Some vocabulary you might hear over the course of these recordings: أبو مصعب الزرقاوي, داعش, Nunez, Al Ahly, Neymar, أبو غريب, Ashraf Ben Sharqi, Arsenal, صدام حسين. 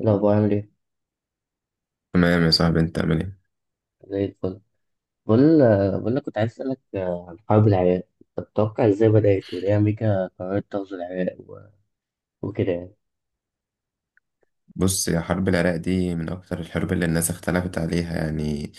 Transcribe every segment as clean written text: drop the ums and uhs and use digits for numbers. الأخبار عامل إيه؟ تمام يا صاحبي، انت عامل ايه؟ زي الفل. بقول بقول لك كنت عايز أسألك عن حرب العراق، طب تتوقع إزاي بدأت وليه أمريكا قررت تغزو العراق وكده يعني؟ بص يا حرب العراق دي من اكتر الحروب اللي الناس اختلفت عليها، يعني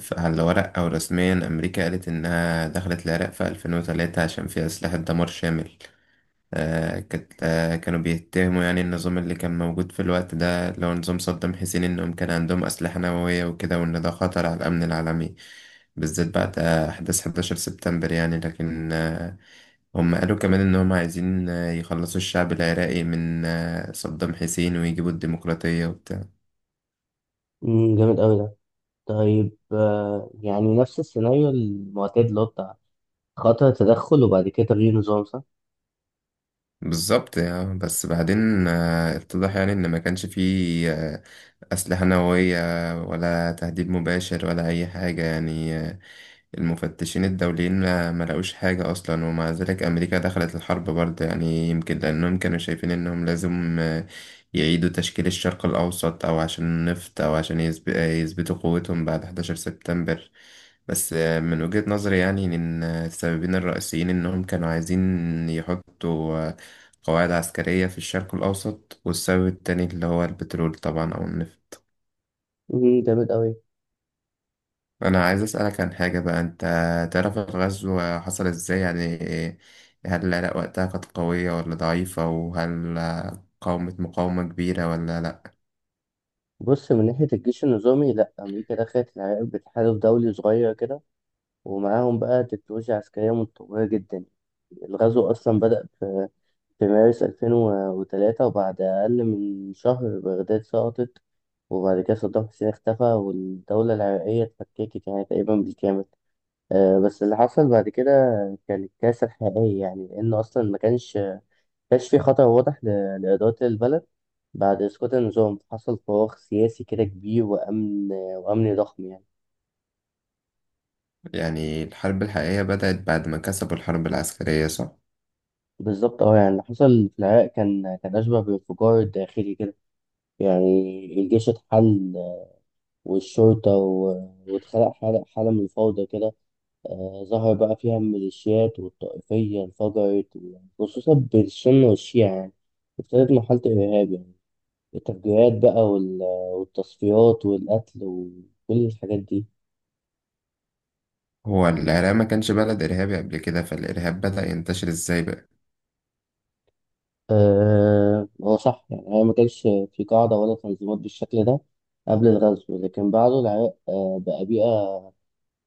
ف- على الورق او رسميا امريكا قالت انها دخلت العراق في 2003 عشان فيها اسلحة دمار شامل. كانت، كانوا بيتهموا يعني النظام اللي كان موجود في الوقت ده، اللي هو نظام صدام حسين، انهم كان عندهم اسلحة نووية وكده، وان ده خطر على الامن العالمي، بالذات بعد احداث 11 سبتمبر. يعني لكن هم قالوا كمان إن هم عايزين يخلصوا الشعب العراقي من صدام حسين ويجيبوا الديمقراطية وبتاع. جامد أوي ده. طيب، يعني نفس السيناريو المعتاد اللي هو بتاع خطر تدخل وبعد كده تغيير نظام، صح؟ بالظبط بس بعدين اتضح يعني إن ما كانش فيه أسلحة نووية ولا تهديد مباشر ولا أي حاجة، يعني المفتشين الدوليين ما لقوش حاجة أصلا، ومع ذلك أمريكا دخلت الحرب برضه. يعني يمكن لأنهم كانوا شايفين إنهم لازم يعيدوا تشكيل الشرق الأوسط، أو عشان النفط، أو عشان يثبتوا قوتهم بعد 11 سبتمبر. بس من وجهة نظري، يعني إن السببين الرئيسيين إنهم كانوا عايزين يحطوا قواعد عسكرية في الشرق الأوسط، والسبب التاني اللي هو البترول طبعا أو النفط. جامد أوي. انا عايز اسالك عن حاجه بقى، انت تعرف الغزو حصل ازاي يعني؟ هل العراق وقتها كانت قويه ولا ضعيفه، وهل قاومت مقاومه كبيره ولا لا؟ بص، من ناحية الجيش النظامي لأ، أمريكا دخلت العراق بتحالف دولي صغير كده، ومعاهم بقى تكنولوجيا عسكرية متطورة جدا. الغزو أصلا بدأ في مارس 2003، وبعد أقل من شهر بغداد سقطت، وبعد كده صدام حسين اختفى والدولة العراقية اتفككت يعني تقريبا بالكامل. بس اللي حصل بعد كده كان الكارثة الحقيقية، يعني لأن أصلا ما كانش في خطر واضح لإدارة البلد. بعد إسقاط النظام حصل فراغ سياسي كده كبير، وأمن ضخم يعني. يعني الحرب الحقيقيه بدات بعد ما كسبوا الحرب العسكريه، صح؟ بالظبط اه، يعني اللي حصل في العراق كان أشبه بانفجار داخلي كده يعني. الجيش اتحل والشرطة واتخلق حالة من الفوضى كده. ظهر بقى فيها الميليشيات والطائفية انفجرت خصوصا بين السنة والشيعة يعني. ابتدت مرحلة الإرهاب يعني، التفجيرات بقى والتصفيات والقتل وكل الحاجات دي. هو العراق ما كانش بلد ارهابي قبل كده، فالارهاب بدا ينتشر ازاي بقى؟ هو صح يعني، هي ما كانش في قاعدة ولا تنظيمات بالشكل ده قبل الغزو، لكن بعده العراق بقى بيئة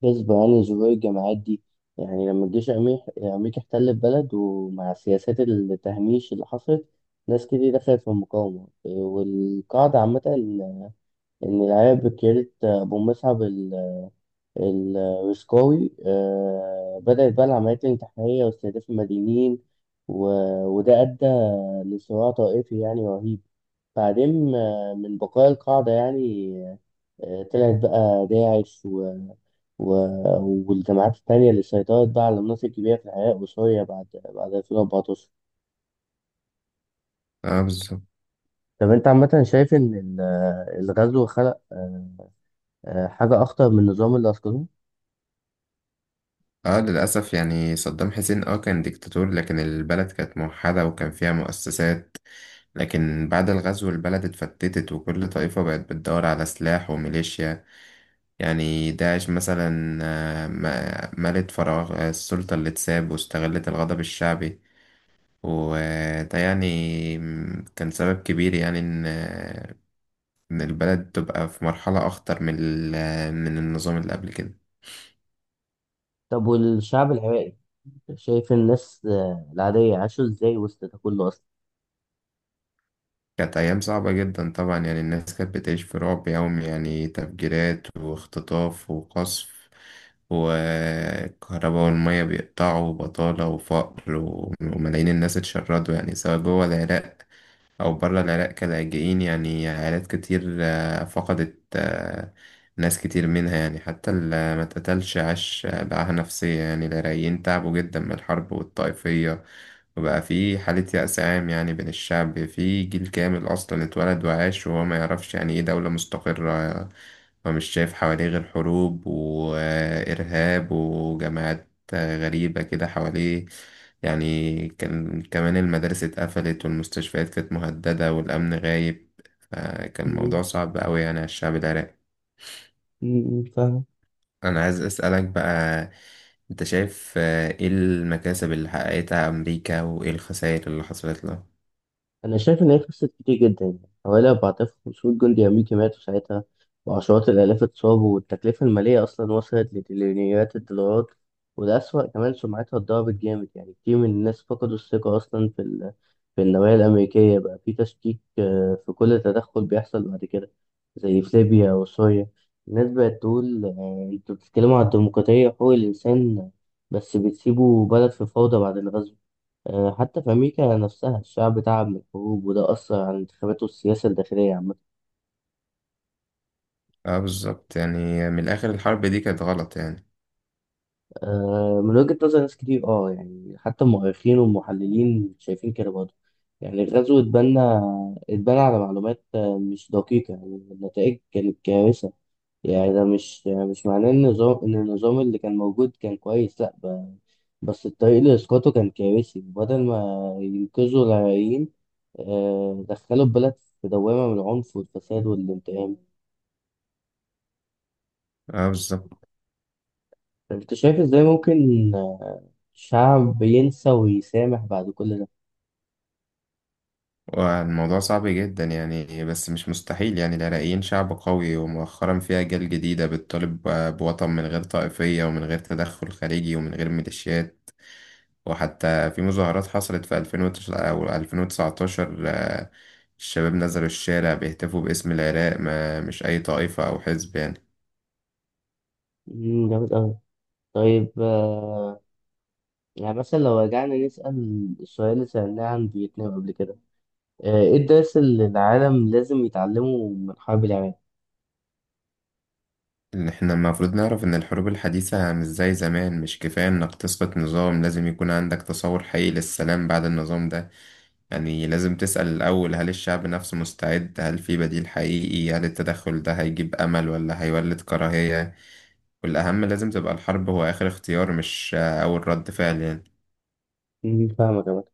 غصب عن ظهور الجماعات دي. يعني لما الجيش الأمريكي احتل البلد، ومع سياسات التهميش اللي حصلت، ناس كتير دخلت في المقاومة والقاعدة عامة. إن العيال بكيرة أبو مصعب الرسكوي، بدأت بقى العمليات الانتحارية واستهداف المدنيين و... وده أدى لصراع طائفي يعني رهيب. بعدين، من بقايا القاعدة يعني، طلعت بقى داعش والجامعات التانية اللي سيطرت بقى على مناطق كبيرة في العراق وسوريا بعد 2014. اه بالظبط. طب أنت عامة شايف إن الغزو خلق حاجة أخطر من النظام اللي أسقطوه؟ اه للاسف، يعني صدام حسين اه كان ديكتاتور، لكن البلد كانت موحده وكان فيها مؤسسات. لكن بعد الغزو البلد اتفتتت، وكل طائفة بقت بتدور على سلاح وميليشيا. يعني داعش مثلا ملت فراغ السلطة اللي اتساب، واستغلت الغضب الشعبي. وده يعني كان سبب كبير يعني إن إن البلد تبقى في مرحلة أخطر من من النظام اللي قبل كده. طب والشعب العراقي، شايف الناس العادية عاشوا إزاي وسط ده كله أصلا؟ كانت أيام صعبة جدا طبعا، يعني الناس كانت بتعيش في رعب يومي، يعني تفجيرات واختطاف وقصف، والكهرباء والمية بيقطعوا، وبطالة وفقر، وملايين الناس اتشردوا، يعني سواء جوه العراق أو برا العراق كلاجئين. يعني عائلات كتير فقدت ناس كتير منها، يعني حتى اللي ما اتقتلش عاش بقاها نفسية. يعني العراقيين تعبوا جدا من الحرب والطائفية، وبقى في حالة يأس عام يعني بين الشعب، في جيل كامل أصلا اتولد وعاش وهو ما يعرفش يعني إيه دولة مستقرة، ومش شايف حواليه غير حروب وإرهاب وجماعات غريبة كده حواليه. يعني كان كمان المدارس اتقفلت، والمستشفيات كانت مهددة، والأمن غايب، فكان مم. الموضوع صعب أوي يعني على الشعب العراقي. مم، فاهمك. أنا عايز أسألك بقى، أنت شايف إيه المكاسب اللي حققتها أمريكا وإيه الخسائر اللي حصلت لها؟ أنا شايف إن هي خسرت كتير جدا، يعني حوالي 4500 جندي أمريكي ماتوا ساعتها وعشرات الآلاف اتصابوا، والتكلفة المالية أصلا وصلت لتريليونيات الدولارات. وده أسوأ، كمان سمعتها اتضربت جامد، يعني كتير من الناس فقدوا الثقة أصلا في في النوايا الأمريكية، بقى في تشكيك في كل تدخل بيحصل بعد كده زي في ليبيا وسوريا. الناس بقت تقول أنتوا بتتكلموا عن الديمقراطية وحقوق الإنسان، بس بتسيبوا بلد في فوضى بعد الغزو. حتى في أمريكا نفسها الشعب تعب من الحروب، وده أثر على الانتخابات والسياسة الداخلية عامة. اه بالظبط، يعني من الآخر الحرب دي كانت غلط يعني. من وجهة نظر ناس كتير اه، يعني حتى المؤرخين والمحللين شايفين كده برضه. يعني الغزو اتبنى على معلومات مش دقيقة، يعني النتائج كانت كارثة. يعني ده مش يعني مش معناه إن النظام، إن النظام اللي كان موجود كان كويس، لأ. بس الطريق لإسقاطه كان كارثي، بدل ما ينقذوا العراقيين دخلوا البلد في دوامة من العنف والفساد والانتقام. اه بالظبط. انت شايف ازاي ممكن شعب ينسى ويسامح بعد كل ده؟ والموضوع صعب جدا يعني، بس مش مستحيل. يعني العراقيين شعب قوي، ومؤخرا في أجيال جديدة بتطالب بوطن من غير طائفية، ومن غير تدخل خارجي، ومن غير ميليشيات. وحتى في مظاهرات حصلت في 2019 الشباب نزلوا الشارع بيهتفوا باسم العراق، ما مش أي طائفة أو حزب يعني. مم، جامد أوي. طيب يعني مثلا لو رجعنا نسأل السؤال اللي سألناه عن فيتنام قبل كده، ايه الدرس اللي العالم لازم يتعلمه من حرب العراق؟ إن إحنا المفروض نعرف إن الحروب الحديثة مش زي زمان، مش كفاية إنك تسقط نظام، لازم يكون عندك تصور حقيقي للسلام بعد النظام ده. يعني لازم تسأل الأول، هل الشعب نفسه مستعد؟ هل في بديل حقيقي؟ هل التدخل ده هيجيب أمل ولا هيولد كراهية؟ والأهم، لازم تبقى الحرب هو آخر اختيار، مش أول رد فعل يعني. مم، فاهمك يا مدحت.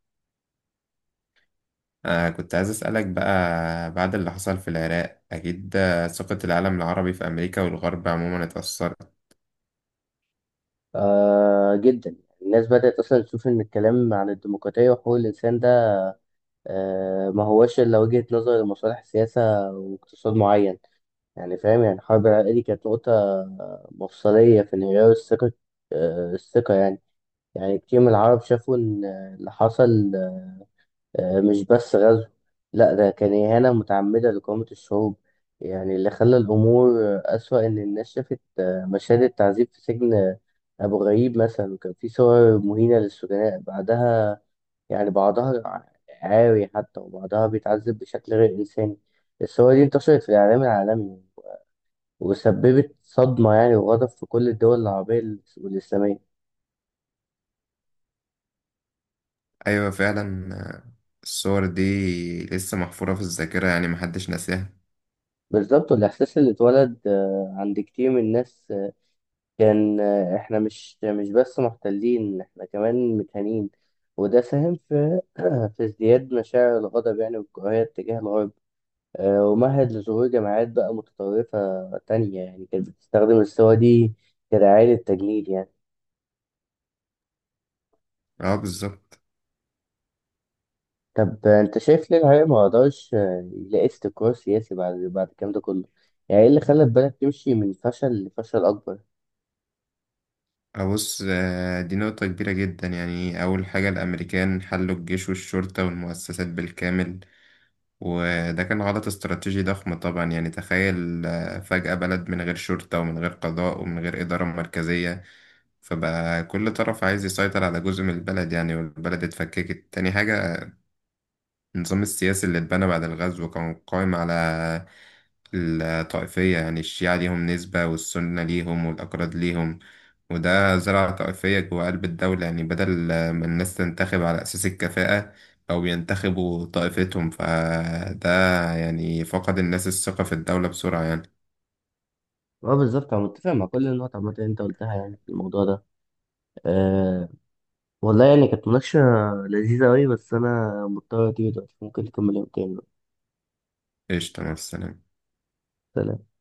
آه كنت عايز أسألك بقى، بعد اللي حصل في العراق أكيد ثقة العالم العربي في أمريكا والغرب عموما اتأثرت. آه جدا. الناس بدأت أصلا تشوف إن الكلام عن الديمقراطية وحقوق الإنسان ده آه، ما هوش إلا وجهة نظر لمصالح سياسة واقتصاد معين. يعني فاهم، يعني الحرب العراقية دي كانت نقطة مفصلية في انهيار الثقة، الثقة يعني. يعني كتير من العرب شافوا إن اللي حصل مش بس غزو، لأ ده كان إهانة متعمدة لقومة الشعوب. يعني اللي خلى الأمور أسوأ إن الناس شافت مشاهد التعذيب في سجن أبو غريب مثلا، وكان في صور مهينة للسجناء بعدها، يعني بعضها عاري حتى، وبعضها بيتعذب بشكل غير إنساني. الصور دي انتشرت في الإعلام العالمي، وسببت صدمة يعني وغضب في كل الدول العربية والإسلامية. أيوة فعلا الصور دي لسه محفورة في الذاكرة، يعني محدش ناساها. بالظبط، والإحساس اللي اتولد عند كتير من الناس كان إحنا مش بس محتلين، إحنا كمان متهانين. وده ساهم في في ازدياد مشاعر الغضب يعني والكراهية تجاه الغرب. ومهد لظهور جماعات بقى متطرفة تانية، يعني كانت بتستخدم الصور دي كدعاية للتجنيد يعني. اه بالظبط. طب انت شايف ليه العيال ما قدرش يلاقي استقرار سياسي بعد الكلام ده كله؟ يعني ايه اللي خلى البلد تمشي من فشل لفشل اكبر؟ أبص دي نقطة كبيرة جدا. يعني أول حاجة الأمريكان حلوا الجيش والشرطة والمؤسسات بالكامل، وده كان غلط استراتيجي ضخم طبعا. يعني تخيل فجأة بلد من غير شرطة ومن غير قضاء ومن غير إدارة مركزية، فبقى كل طرف عايز يسيطر على جزء من البلد يعني، والبلد اتفككت. تاني حاجة، النظام السياسي اللي اتبنى بعد الغزو كان قائم على الطائفية، يعني الشيعة ليهم نسبة والسنة ليهم والأكراد ليهم، وده زرع طائفية جوا قلب الدولة. يعني بدل ما الناس تنتخب على أساس الكفاءة، أو ينتخبوا طائفتهم، فده يعني فقد الناس الثقة في الدولة بسرعة يعني. اه بالظبط، انا متفق مع كل النقط عامه اللي انت قلتها يعني في الموضوع ده. آه، والله يعني كانت مناقشه لذيذه قوي، بس انا مضطر اجي دلوقتي، ممكن نكمل يوم تاني بقى. قشطة، مع السلامة. سلام